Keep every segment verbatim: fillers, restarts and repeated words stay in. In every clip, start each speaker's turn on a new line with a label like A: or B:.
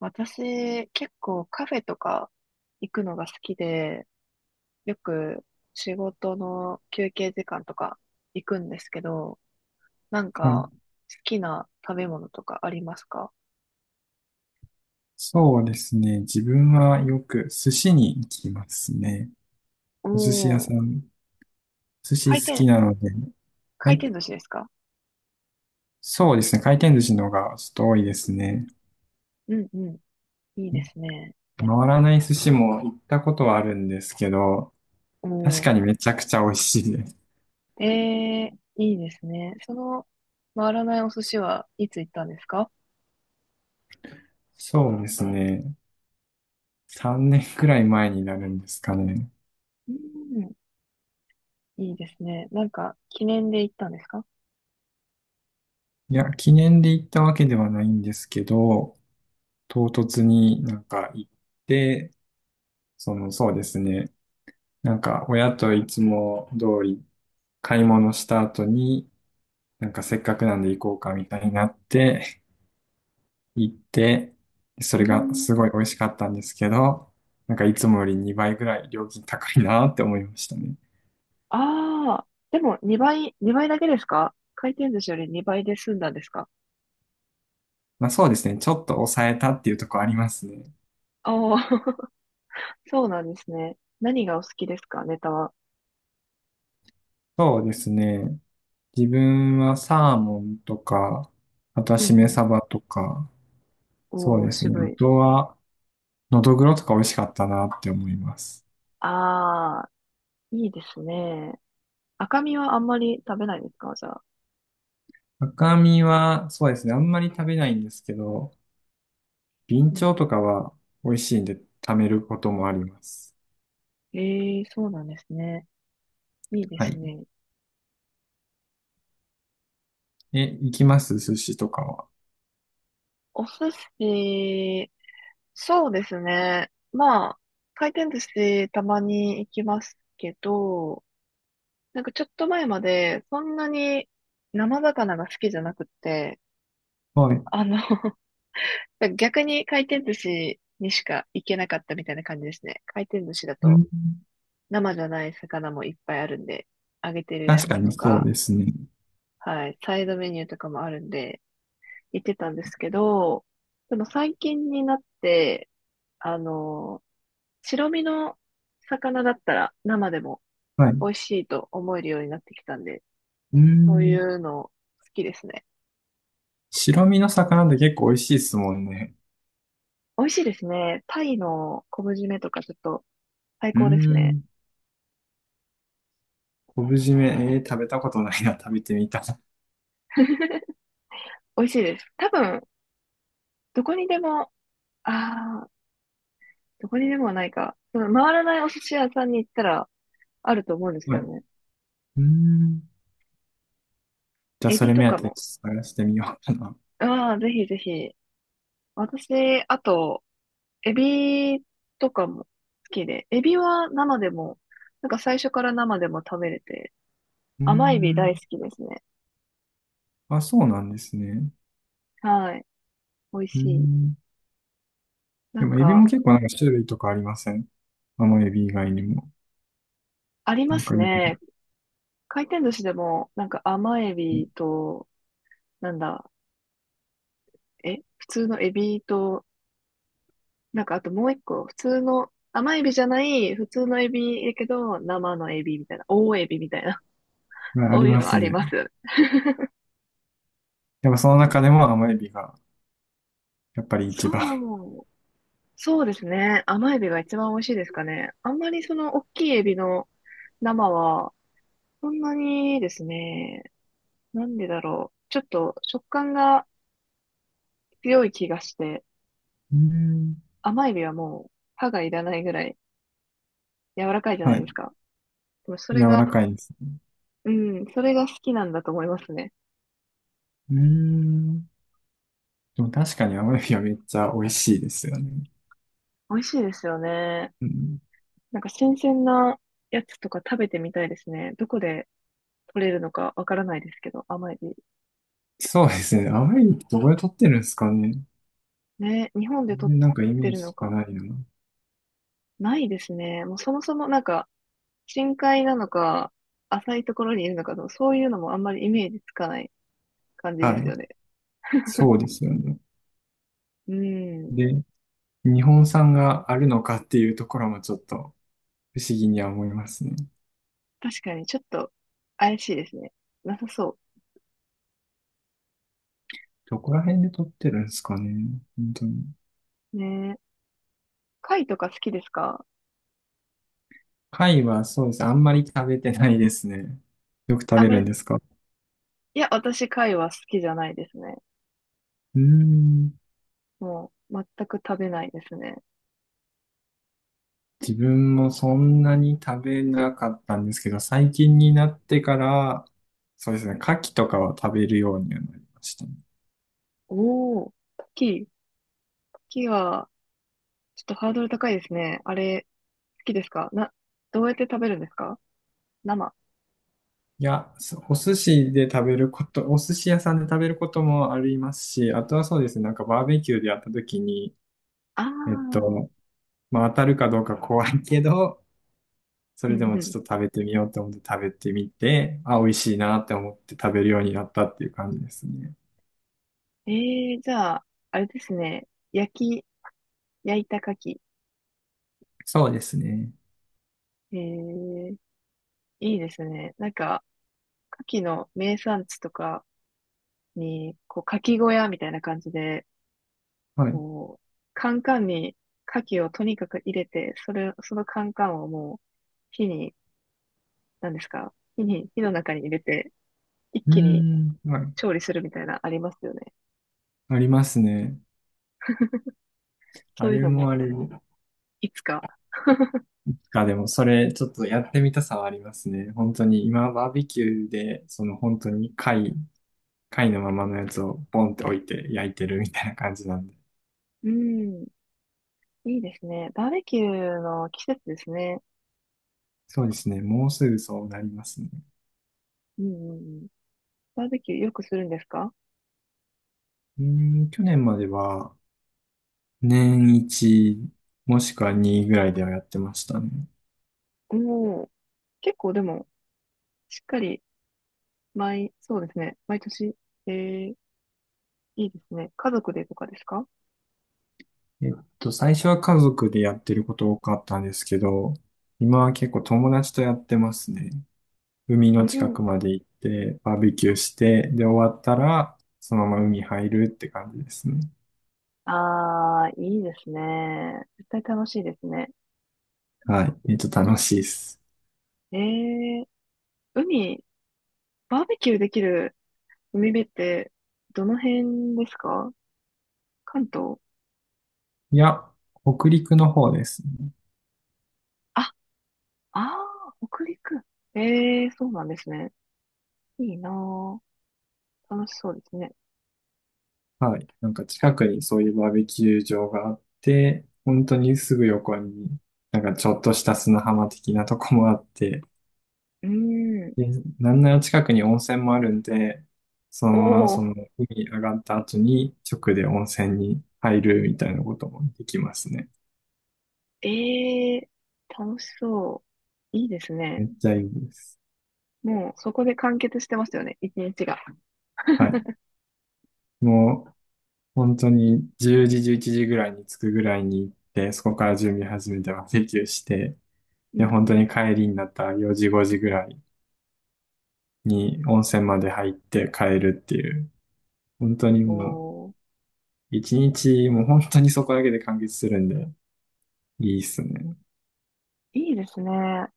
A: 私、結構カフェとか行くのが好きで、よく仕事の休憩時間とか行くんですけど、なん
B: はい。
A: か好きな食べ物とかありますか？
B: そうですね。自分はよく寿司に行きますね。
A: お
B: お寿司屋さ
A: ー、
B: ん、寿司
A: 回
B: 好き
A: 転、
B: なので。は
A: 回
B: い。
A: 転寿司ですか？
B: そうですね。回転寿司の方がちょっと多いですね。
A: うんうん。いいですね。
B: 回らない寿司も行ったことはあるんですけど、確
A: おー、
B: かにめちゃくちゃ美味しいです。
A: えー、いいですね。その回らないお寿司はいつ行ったんですか？
B: そうですね。さんねんくらい前になるんですかね。
A: うん、いいですね。なんか記念で行ったんですか？
B: いや、記念で行ったわけではないんですけど、唐突になんか行って、その、そうですね。なんか、親といつも通り買い物した後に、なんかせっかくなんで行こうかみたいになって、行って、そ
A: う
B: れが
A: ん。
B: すごい美味しかったんですけど、なんかいつもよりにばいぐらい料金高いなって思いましたね。
A: ああ、でもにばい、にばいだけですか？回転寿司よりにばいで済んだんですか？
B: まあそうですね、ちょっと抑えたっていうところありますね。
A: ああー、そうなんですね。何がお好きですか、ネタは。
B: そうですね、自分はサーモンとか、あとは
A: うんう
B: しめ
A: ん。
B: 鯖とか、そう
A: おー、
B: ですね、
A: 渋
B: あ
A: い。
B: とは、のどぐろとか美味しかったなって思います。
A: ああ、いいですね。赤身はあんまり食べないですか、じゃあ。
B: 赤身は、そうですね。あんまり食べないんですけど、ビン
A: う
B: チ
A: ん
B: ョウと
A: う
B: かは美味しいんで貯めることもあります。
A: ん、ええ、そうなんですね。いいで
B: は
A: す
B: い。
A: ね。
B: え、行きます寿司とかは。
A: お寿司、そうですね。まあ、回転寿司たまに行きますけど、なんかちょっと前まで、そんなに生魚が好きじゃなくって、
B: はい。
A: あの 逆に回転寿司にしか行けなかったみたいな感じですね。回転寿司だ
B: う
A: と
B: ん、
A: 生じゃない魚もいっぱいあるんで、揚げてるや
B: 確か
A: つ
B: に
A: と
B: そう
A: か、
B: ですね。
A: はい、サイドメニューとかもあるんで、行ってたんですけど、でも最近になって、あの、白身の魚だったら生でも
B: はい。
A: 美味しいと思えるようになってきたんで、
B: う
A: そうい
B: ん。
A: うの好きですね。
B: 白身の魚って結構美味しいですもんね。
A: 美味しいですね。タイの昆布締めとかちょっと最
B: う
A: 高ですね。
B: ん。昆布締め、えー食べたことないな。食べてみたい。
A: 美味しいです。多分、どこにでも、ああ、どこにでもはないか。その回らないお寿司屋さんに行ったらあると思うんです
B: は
A: け
B: い。
A: どね。
B: うん。じゃあ、
A: エ
B: そ
A: ビ
B: れ
A: と
B: 目
A: か
B: 当てに
A: も。
B: 探してみようかな。
A: ああ、ぜひぜひ。私、あと、エビとかも好きで。エビは生でも、なんか最初から生でも食べれて、
B: う
A: 甘エビ大
B: ん。
A: 好きですね。
B: あ、そうなんですね。
A: はい。美味
B: う
A: しい。
B: ん。
A: な
B: で
A: ん
B: も、エビも
A: か、
B: 結構なんか種類とかありません？甘エビ以外にも。
A: あり
B: な
A: ま
B: んか
A: す
B: いろい
A: ね。回転寿司でも、なんか甘エビと、なんだ、え、普通のエビと、なんかあともう一個、普通の、甘エビじゃない、普通のエビやけど、生のエビみたいな、大エビみたいな、
B: ろ、あ、あ
A: そ
B: り
A: ういう
B: ま
A: の
B: す
A: あり
B: ね。
A: ます。
B: でもその中でも甘エビがやっぱり一番。
A: そう、そうですね。甘エビが一番美味しいですかね。あんまりその大きいエビの生は、そんなにですね、なんでだろう。ちょっと食感が強い気がして、
B: うーん。
A: 甘エビはもう歯がいらないぐらい柔らかいじゃな
B: は
A: いです
B: い。
A: か。でもそれ
B: 柔
A: が、
B: らかいです。
A: うん、それが好きなんだと思いますね。
B: うーん。でも確かに甘エビはめっちゃ美味しいですよね。
A: 美味しいですよね。
B: うん、
A: なんか新鮮なやつとか食べてみたいですね。どこで取れるのかわからないですけど、甘エビ。
B: そうですね。甘エビってどこで取ってるんですかね。
A: ね、日本で
B: 全
A: 取っ
B: 然なんかイメ
A: て
B: ー
A: るの
B: ジとか
A: か。
B: ないよな。
A: ないですね。もうそもそもなんか、深海なのか、浅いところにいるのかの、そういうのもあんまりイメージつかない感じで
B: は
A: すよ
B: い。
A: ね。
B: そうですよね。
A: うん。
B: で、日本産があるのかっていうところもちょっと不思議には思いますね。
A: 確かにちょっと怪しいですね。なさそ
B: どこら辺で撮ってるんですかね。本当に。
A: う。ね。貝とか好きですか？
B: 貝はそうです。あんまり食べてないですね。よく食
A: あん
B: べ
A: ま
B: るん
A: り、
B: ですか？う
A: いや、私、貝は好きじゃないですね。
B: ーん。
A: もう、全く食べないですね。
B: 自分もそんなに食べなかったんですけど、最近になってから、そうですね。牡蠣とかは食べるようにはなりましたね。
A: おー、牡蠣、牡蠣は、ちょっとハードル高いですね。あれ、好きですかな、どうやって食べるんですか、生。
B: いや、そお寿司で食べること、お寿司屋さんで食べることもありますし、あとはそうですね。なんかバーベキューでやった時に、
A: あ
B: えっ
A: あ、
B: と、まあ当たるかどうか怖いけど、そ
A: う
B: れで
A: ん
B: もち
A: う
B: ょっと食べてみようと思って食べてみて、あ、美味しいなって思って食べるようになったっていう感じですね。
A: ん。ええー、じゃあ、あれですね。焼き、焼いた牡蠣。
B: そうですね。
A: ええ、いいですね。なんか、牡蠣の名産地とかに、こう、牡蠣小屋みたいな感じで、
B: はい。う
A: こう、カンカンに牡蠣をとにかく入れて、それ、そのカンカンをもう火に、何ですか、火に、火の中に入れて、一
B: ー
A: 気に
B: ん、はい。
A: 調理するみたいなありますよね。
B: ありますね。あ
A: そういう
B: れ
A: の
B: も
A: も、
B: あれ
A: いつか。
B: か、でもそれちょっとやってみたさはありますね。本当に今バーベキューで、その本当に貝、貝のままのやつをポンって置いて焼いてるみたいな感じなんで。
A: うん、いいですね。バーベキューの季節ですね。
B: そうですね。もうすぐそうなりますね。
A: うんうんうん。バーベキューよくするんですか？
B: うーん、去年までは年いちもしくはにぐらいではやってましたね。
A: もう、結構でも、しっかり、毎、そうですね。毎年、えー、いいですね。家族でとかですか？
B: えっと、最初は家族でやってること多かったんですけど、今は結構友達とやってますね。海
A: う
B: の近
A: ん。
B: くまで行って、バーベキューして、で、終わったら、そのまま海入るって感じですね。
A: ああ、いいですね。絶対楽しいですね。
B: はい。えっと、楽しいです。
A: ええ、海、バーベキューできる海辺って、どの辺ですか？関東？
B: いや、北陸の方ですね。
A: あ、ああ、北陸。ええ、そうなんですね。いいなー、楽しそうですね。
B: はい。なんか近くにそういうバーベキュー場があって、本当にすぐ横に、なんかちょっとした砂浜的なとこもあって、
A: うーん。
B: でなんなら近くに温泉もあるんで、その
A: お
B: ままそ
A: お、
B: の海上がった後に直で温泉に入るみたいなこともできますね。
A: ええ、楽しそう。いいですね。
B: めっちゃいいです。
A: もう、そこで完結してますよね、一日が。
B: はい。もう本当にじゅうじ、じゅういちじぐらいに着くぐらいに行って、そこから準備始めてバーベキューして、
A: う
B: で、
A: ん
B: 本
A: う
B: 当
A: ん。
B: に帰りになったよじ、ごじぐらいに温泉まで入って帰るっていう、本当に
A: お
B: もう
A: お。
B: 一日もう本当にそこだけで完結するんで、いいっすね。
A: いいですね。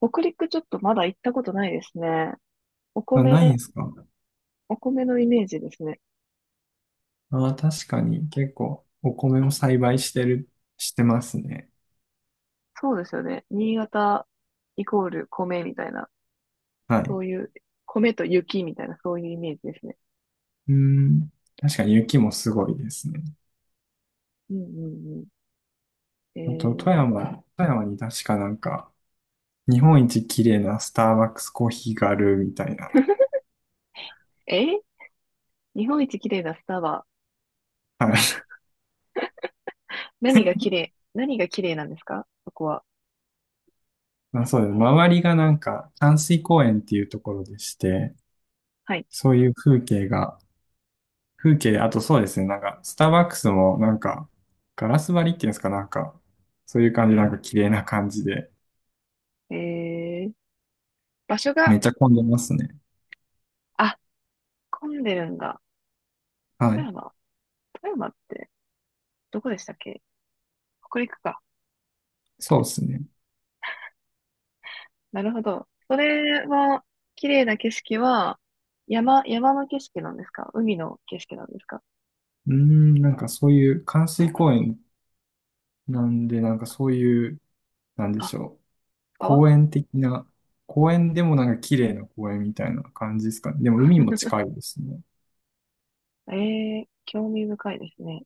A: 北陸ちょっとまだ行ったことないですね。お
B: あ、ないん
A: 米、
B: すか？
A: お米のイメージですね。
B: ああ、確かに結構お米を栽培してる、してますね。
A: そうですよね。新潟イコール米みたいな、
B: は
A: そ
B: い。
A: ういう、米と雪みたいな、そういうイメージですね。
B: うん。確かに雪もすごいですね。
A: うんうんうん。え
B: あと、富
A: ー、
B: 山、富山に確かなんか、日本一綺麗なスターバックスコーヒーがあるみたいな。
A: え、日本一綺麗なスタバ。
B: はい。
A: 何が綺麗、何が綺麗なんですか、そこは。
B: まあそうです。周りがなんか、淡水公園っていうところでして、
A: はい。
B: そういう風景が、風景、あとそうですね、なんか、スターバックスもなんか、ガラス張りっていうんですか、なんか、そういう感じ、なんか綺麗な感じで、
A: えー、場所
B: め
A: が、
B: っちゃ混んでますね。
A: あ、混んでるんだ。
B: は
A: 富
B: い。
A: 山。富山って、どこでしたっけ？北陸か。
B: そうですね。
A: なるほど。それは、綺麗な景色は、山、山の景色なんですか？海の景色なんですか？
B: うーん、なんかそういう関水公園なんで、なんかそういう、なんで
A: あ、
B: しょう。
A: 川？
B: 公園的な、公園でもなんか綺麗な公園みたいな感じですかね。でも海も近いですね。
A: ええー、興味深いですね。